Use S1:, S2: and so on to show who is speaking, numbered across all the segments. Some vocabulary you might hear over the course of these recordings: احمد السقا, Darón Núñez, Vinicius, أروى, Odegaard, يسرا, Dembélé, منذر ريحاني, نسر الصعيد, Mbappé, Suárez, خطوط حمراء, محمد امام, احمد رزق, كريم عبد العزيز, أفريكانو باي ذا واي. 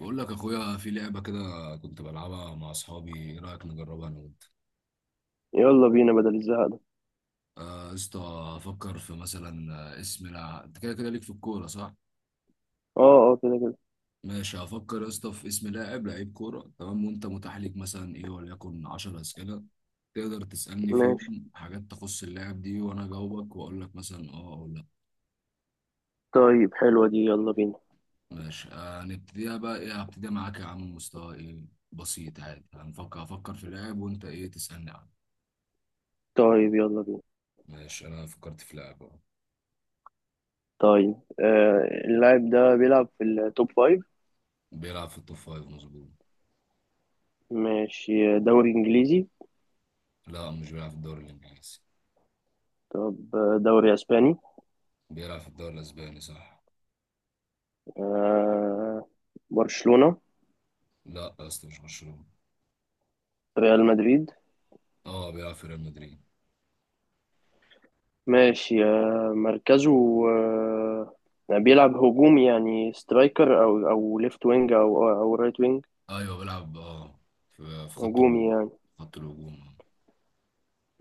S1: بقول لك اخويا في لعبه كده كنت بلعبها مع اصحابي، ايه رايك نجربها انا وانت؟
S2: يلا بينا بدل الزهق ده.
S1: آه، يا اسطى. افكر في مثلا اسم لاعب، انت كده كده ليك في الكوره صح؟
S2: اه، اه، كده كده.
S1: ماشي، هفكر يا اسطى في اسم لاعب لعيب كوره. تمام، وانت متاح ليك مثلا ايه وليكن 10 اسئله تقدر تسالني
S2: ماشي.
S1: فيهم حاجات تخص اللاعب دي، وانا اجاوبك واقول لك مثلا اه او لا.
S2: طيب، حلوة دي، يلا بينا.
S1: ماشي. هنبتديها بقى. ايه، هبتديها معاك يا عم؟ مستوى ايه؟ بسيط عادي. هفكر في لاعب، وانت ايه تسالني عنه.
S2: طيب، يلا بينا.
S1: ماشي، انا فكرت في لاعب اهو.
S2: طيب، اللاعب ده بيلعب في التوب فايف.
S1: بيلعب في التوب فايف، مظبوط.
S2: ماشي، دوري انجليزي.
S1: لا، مش بيلعب في الدوري الانجليزي.
S2: طب، دوري اسباني.
S1: بيلعب في الدوري الاسباني، صح.
S2: آه. برشلونة.
S1: لا يا اسطى، مش برشلونة.
S2: ريال مدريد.
S1: اه، بيلعب في ريال مدريد.
S2: ماشي، مركزه. آه بيلعب هجومي، يعني سترايكر او ليفت وينج او رايت وينج.
S1: ايوه، بيلعب في خط
S2: هجومي
S1: الهجوم.
S2: يعني.
S1: خط الهجوم،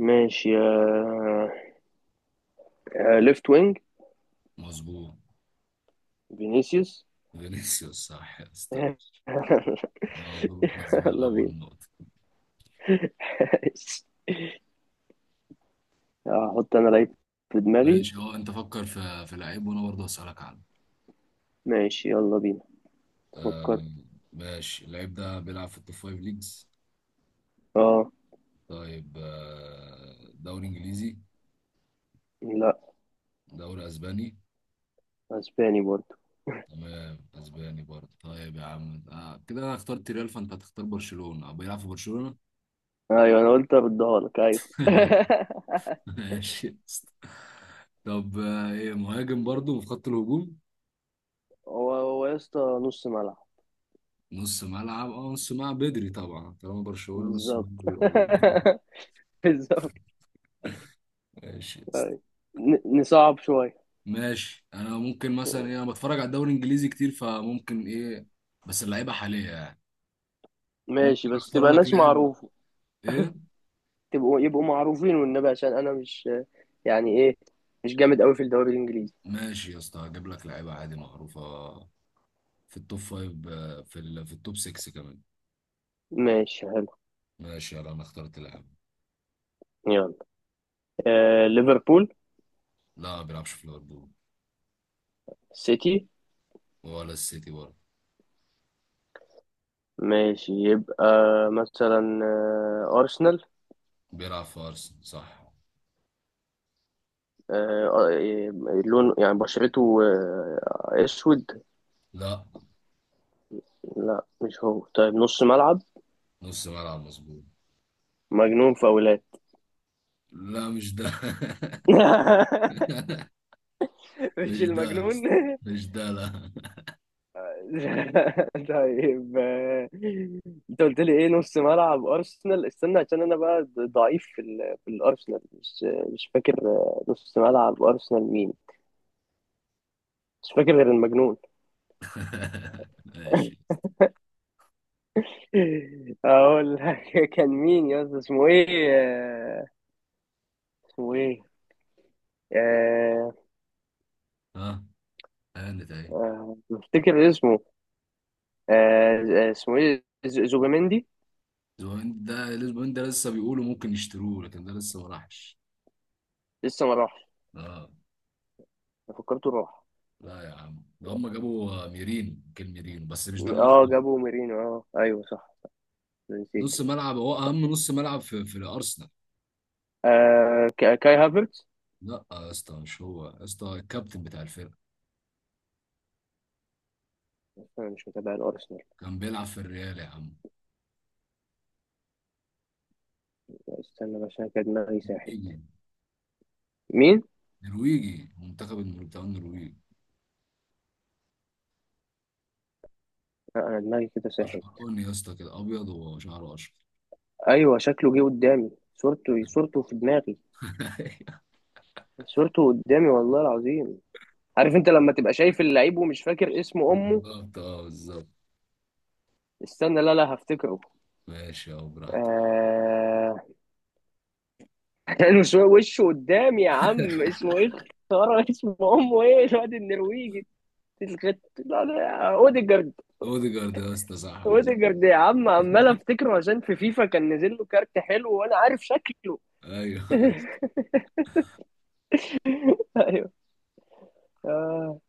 S2: ماشي، آه. آه، ليفت وينج.
S1: مظبوط.
S2: فينيسيوس.
S1: فينيسيوس، صح يا اسطى.
S2: يلا
S1: مبروك يا زميل،
S2: بينا.
S1: اول نقطة.
S2: هحط انا لعيب في دماغي.
S1: ماشي، هو انت فكر في لعيب وانا برضه هسألك عنه.
S2: ماشي، يلا بينا.
S1: آه،
S2: فكرت.
S1: ماشي. اللعيب ده بيلعب في التوب فايف ليجز.
S2: اه.
S1: طيب، دوري انجليزي؟
S2: لا.
S1: دوري اسباني؟
S2: اسباني برضه.
S1: تمام، اسباني برضه. طيب يا عم، كده انا اخترت ريال فانت هتختار برشلونة او بيلعب في برشلونة.
S2: ايوه، انا قلت اردها لك ايوه.
S1: ماشي يا اسطى. طب، ايه، مهاجم برضه في خط الهجوم؟
S2: هو هو يا اسطى، نص ملعب.
S1: نص ملعب، اه نص ملعب بدري طبعا. طالما برشلونة نص
S2: بالظبط.
S1: ملعب بيبقى بدري.
S2: بالظبط.
S1: ماشي يا اسطى.
S2: أيوة. نصعب شويه.
S1: ماشي، انا ممكن مثلا ايه، انا بتفرج على الدوري الانجليزي كتير فممكن ايه، بس اللعيبه حاليه يعني.
S2: ماشي،
S1: ممكن
S2: بس
S1: اختار
S2: تبقى
S1: لك
S2: ناس
S1: لاعب
S2: معروفه.
S1: ايه.
S2: تبقوا يبقوا معروفين والنبي، عشان انا مش. يعني ايه. مش جامد قوي في الدوري الانجليزي.
S1: ماشي يا اسطى، هجيب لك لعيبه عادي معروفه في التوب فايف، في التوب 6 كمان.
S2: ماشي، حلو.
S1: ماشي، يلا انا اخترت لاعب.
S2: يلا. ليفربول.
S1: لا، ما بيلعبش في ليفربول.
S2: سيتي.
S1: ولا السيتي برضه.
S2: ماشي، يبقى مثلا، أرسنال.
S1: بيلعب في ارسنال، صح.
S2: لون يعني بشرته، أسود.
S1: لا.
S2: لا مش هو، طيب نص ملعب.
S1: نص ملعب، مظبوط.
S2: مجنون فاولات.
S1: لا، مش ده.
S2: مش
S1: مش ده
S2: المجنون.
S1: بس. مش ده، لا.
S2: طيب، انت قلت لي ايه، نص ملعب ارسنال، استنى عشان انا بقى ضعيف في في الارسنال مش. مش فاكر، نص ملعب ارسنال مين. مش فاكر غير المجنون.
S1: ماشي.
S2: اقول لك كان مين يا اسطى، اسمه ايه، اسمه ايه. آه،
S1: ها، هانت اهي.
S2: بفتكر اسمه. آه، اسمه ايه، زوبيمندي.
S1: زوين ده الاسبوعين ده لسه بيقولوا ممكن يشتروه، لكن ده لسه ما راحش.
S2: لسه ما راحش.
S1: اه.
S2: أنا فكرته راح.
S1: لا يا عم، ده هم جابوا ميرين، كان ميرين بس مش ده اللي انا
S2: اه،
S1: اخترته.
S2: جابوا ميرينو، اه ايوه صح. أنا نسيت.
S1: نص ملعب، هو اهم نص ملعب في الارسنال.
S2: كاي هافرتز.
S1: لا يا اسطى، مش هو يا اسطى. الكابتن بتاع الفرقه،
S2: انا مش متابع الارسنال.
S1: كان بيلعب في الريال يا عم.
S2: استنى بس، انا كان دماغي ساحت.
S1: نرويجي.
S2: مين.
S1: نرويجي، منتخب بتاع النرويج.
S2: انا دماغي كده ساحت.
S1: اشقراني يا اسطى كده، ابيض وشعره اشقر.
S2: ايوه، شكله جه قدامي. صورته في دماغي. صورته قدامي، والله العظيم. عارف انت لما تبقى شايف اللعيب ومش فاكر اسم امه.
S1: بالظبط، اه بالظبط.
S2: استنى، لا لا، هفتكره.
S1: ماشي، اه براحتك.
S2: آه... لانه شوية وشه قدامي يا عم، اسمه ايه. خرا اسم امه، ايه الواد النرويجي. الخت. لا لا، اوديجارد.
S1: اوديجارد يا اسطى، صح مظبوط.
S2: اوديجارد يا عم، عمال افتكره عشان في فيفا كان نزل له كارت حلو، وانا عارف شكله.
S1: ايوه.
S2: ايوه. آه.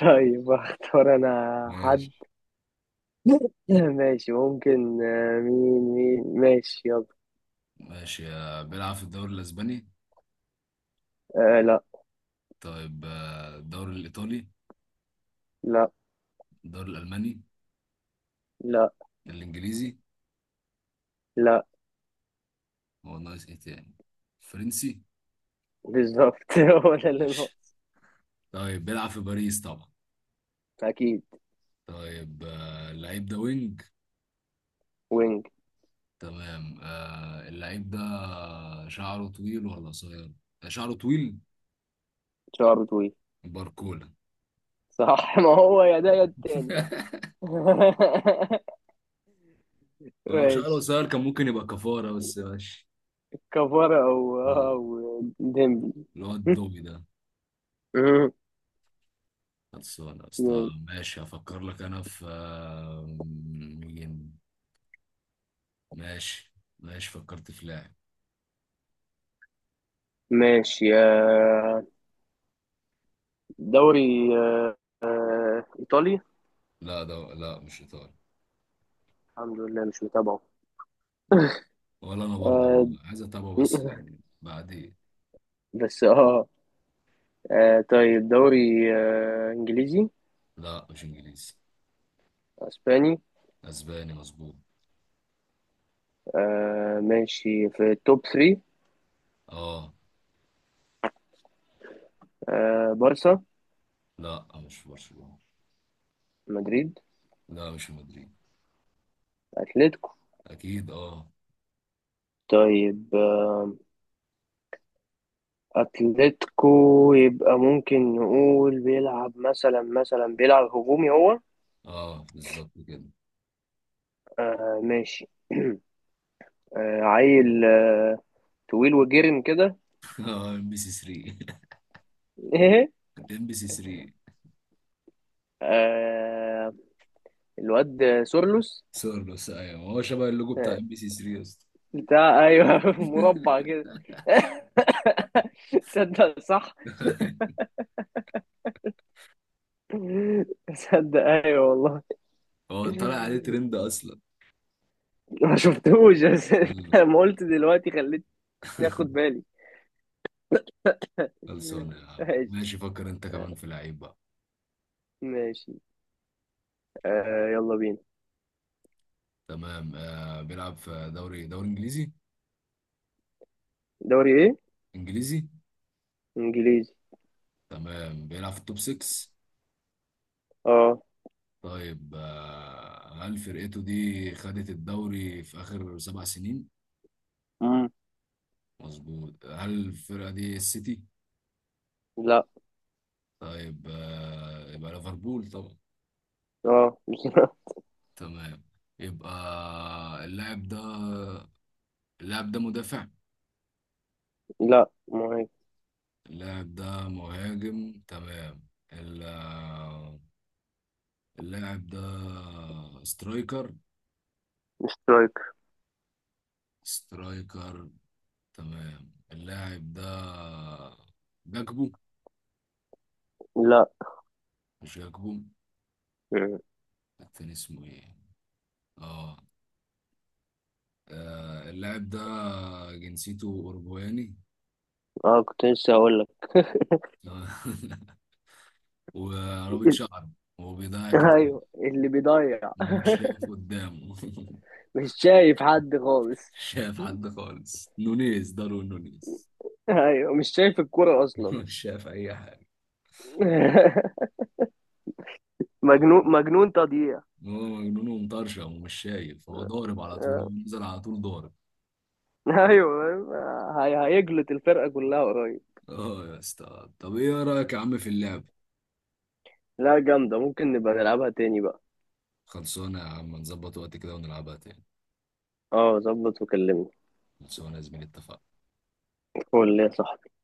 S2: طيب، اختار انا
S1: ماشي.
S2: حد. ماشي، ممكن مين، ماشي يلا.
S1: ماشي، بيلعب في الدوري الاسباني.
S2: لا.
S1: طيب، الدوري الايطالي؟
S2: لا.
S1: الدوري الالماني؟
S2: لا.
S1: الانجليزي؟
S2: لا.
S1: هو ناقص ايه تاني؟ فرنسي.
S2: بالظبط. هو ده اللي
S1: ماشي.
S2: ناقص.
S1: طيب، بيلعب في باريس طبعا.
S2: اكيد.
S1: طيب، اللعيب ده وينج؟
S2: وينج.
S1: تمام. اللعيب ده شعره طويل ولا قصير؟ شعره طويل.
S2: شعره طويل.
S1: باركولا.
S2: صح. ما هو يا ده يا التاني.
S1: لو شعره
S2: ماشي.
S1: قصير كان ممكن يبقى كفارة، بس ماشي.
S2: كفارة او
S1: آه،
S2: او ديمبلي.
S1: اللي هو الدوبي ده. خلصانة يا اسطى.
S2: مم.
S1: ماشي، هفكر لك أنا في مين. ماشي. ماشي، فكرت في لاعب.
S2: ماشي يا، دوري، آه، ايطالي.
S1: لا، ده لا، مش إيطالي.
S2: الحمد لله مش متابعه.
S1: ولا أنا برضه.
S2: آه،
S1: عايز أتابعه بس يعني بعدين.
S2: بس اه. طيب دوري انجليزي.
S1: لا، مش إنجليزي.
S2: اسباني.
S1: أسباني، مظبوط.
S2: ماشي في التوب 3.
S1: اه.
S2: بارسا.
S1: لا، مش في برشلونة.
S2: مدريد.
S1: لا، مش في مدريد.
S2: أتلتيكو.
S1: اكيد اه.
S2: طيب، أتلتيكو. يبقى ممكن نقول بيلعب مثلا بيلعب هجومي هو.
S1: اه بالظبط كده.
S2: ماشي. عيل، طويل وجرم كده.
S1: اه، ام بي سي 3.
S2: ايه.
S1: ام بي سي 3،
S2: آه. الواد سورلوس.
S1: سورلوس. ايوه، هو شبه اللوجو بتاع
S2: آه،
S1: ام بي سي 3 يا اسطى.
S2: بتاع، ايوه مربع كده. تصدق صح. تصدق، ايوه والله.
S1: هو طالع عليه ترند اصلا.
S2: ما شفتهوش بس،
S1: آه،
S2: لما قلت دلوقتي خليتني اخد بالي. مم.
S1: خلصانه يا عم.
S2: ماشي.
S1: ماشي، فكر انت كمان في لعيب بقى.
S2: ماشي. يلا بينا.
S1: تمام، آه بيلعب في دوري انجليزي.
S2: دوري ايه؟
S1: انجليزي.
S2: انجليزي.
S1: تمام، بيلعب في التوب 6.
S2: اه.
S1: طيب، هل فرقته دي خدت الدوري في اخر 7 سنين؟
S2: مم.
S1: مظبوط. هل الفرقة دي السيتي؟
S2: لا.
S1: طيب، يبقى ليفربول طبعا.
S2: اه.
S1: تمام. يبقى اللاعب ده اللاعب ده مدافع؟
S2: لا، مهاجم.
S1: اللاعب ده مهاجم، تمام. ال- آه، اللاعب ده سترايكر؟
S2: سترايك.
S1: سترايكر، تمام. اللاعب ده جاكبو؟
S2: لا.
S1: مش جاكبو.
S2: مم.
S1: التاني اسمه ايه؟ اه. اللاعب ده جنسيته أوروجواني.
S2: اه، كنت لسه هقول لك.
S1: تمام. ورابط شعره وبيضيع كتير
S2: ايوه، اللي بيضيع.
S1: ومش شايف قدامه.
S2: مش شايف حد خالص.
S1: مش شايف حد خالص، نونيز، دارون نونيز.
S2: ايوه، مش شايف الكرة اصلا.
S1: مش شايف أي حاجة.
S2: مجنون مجنون تضييع.
S1: هو مجنون ومطرشم ومش شايف، هو ضارب على طول،
S2: آه.
S1: نزل على طول ضارب.
S2: ايوه. هيجلط الفرقة كلها قريب.
S1: اه يا اسطى، طب ايه رأيك يا عم في اللعب؟
S2: لا، جامدة، ممكن نبقى نلعبها تاني بقى.
S1: خلصونا يا عم، نظبط وقت كده ونلعبها تاني.
S2: اه، ظبط وكلمني.
S1: خلصونا يا زميلي، اتفقنا.
S2: الفل يا صاحبي.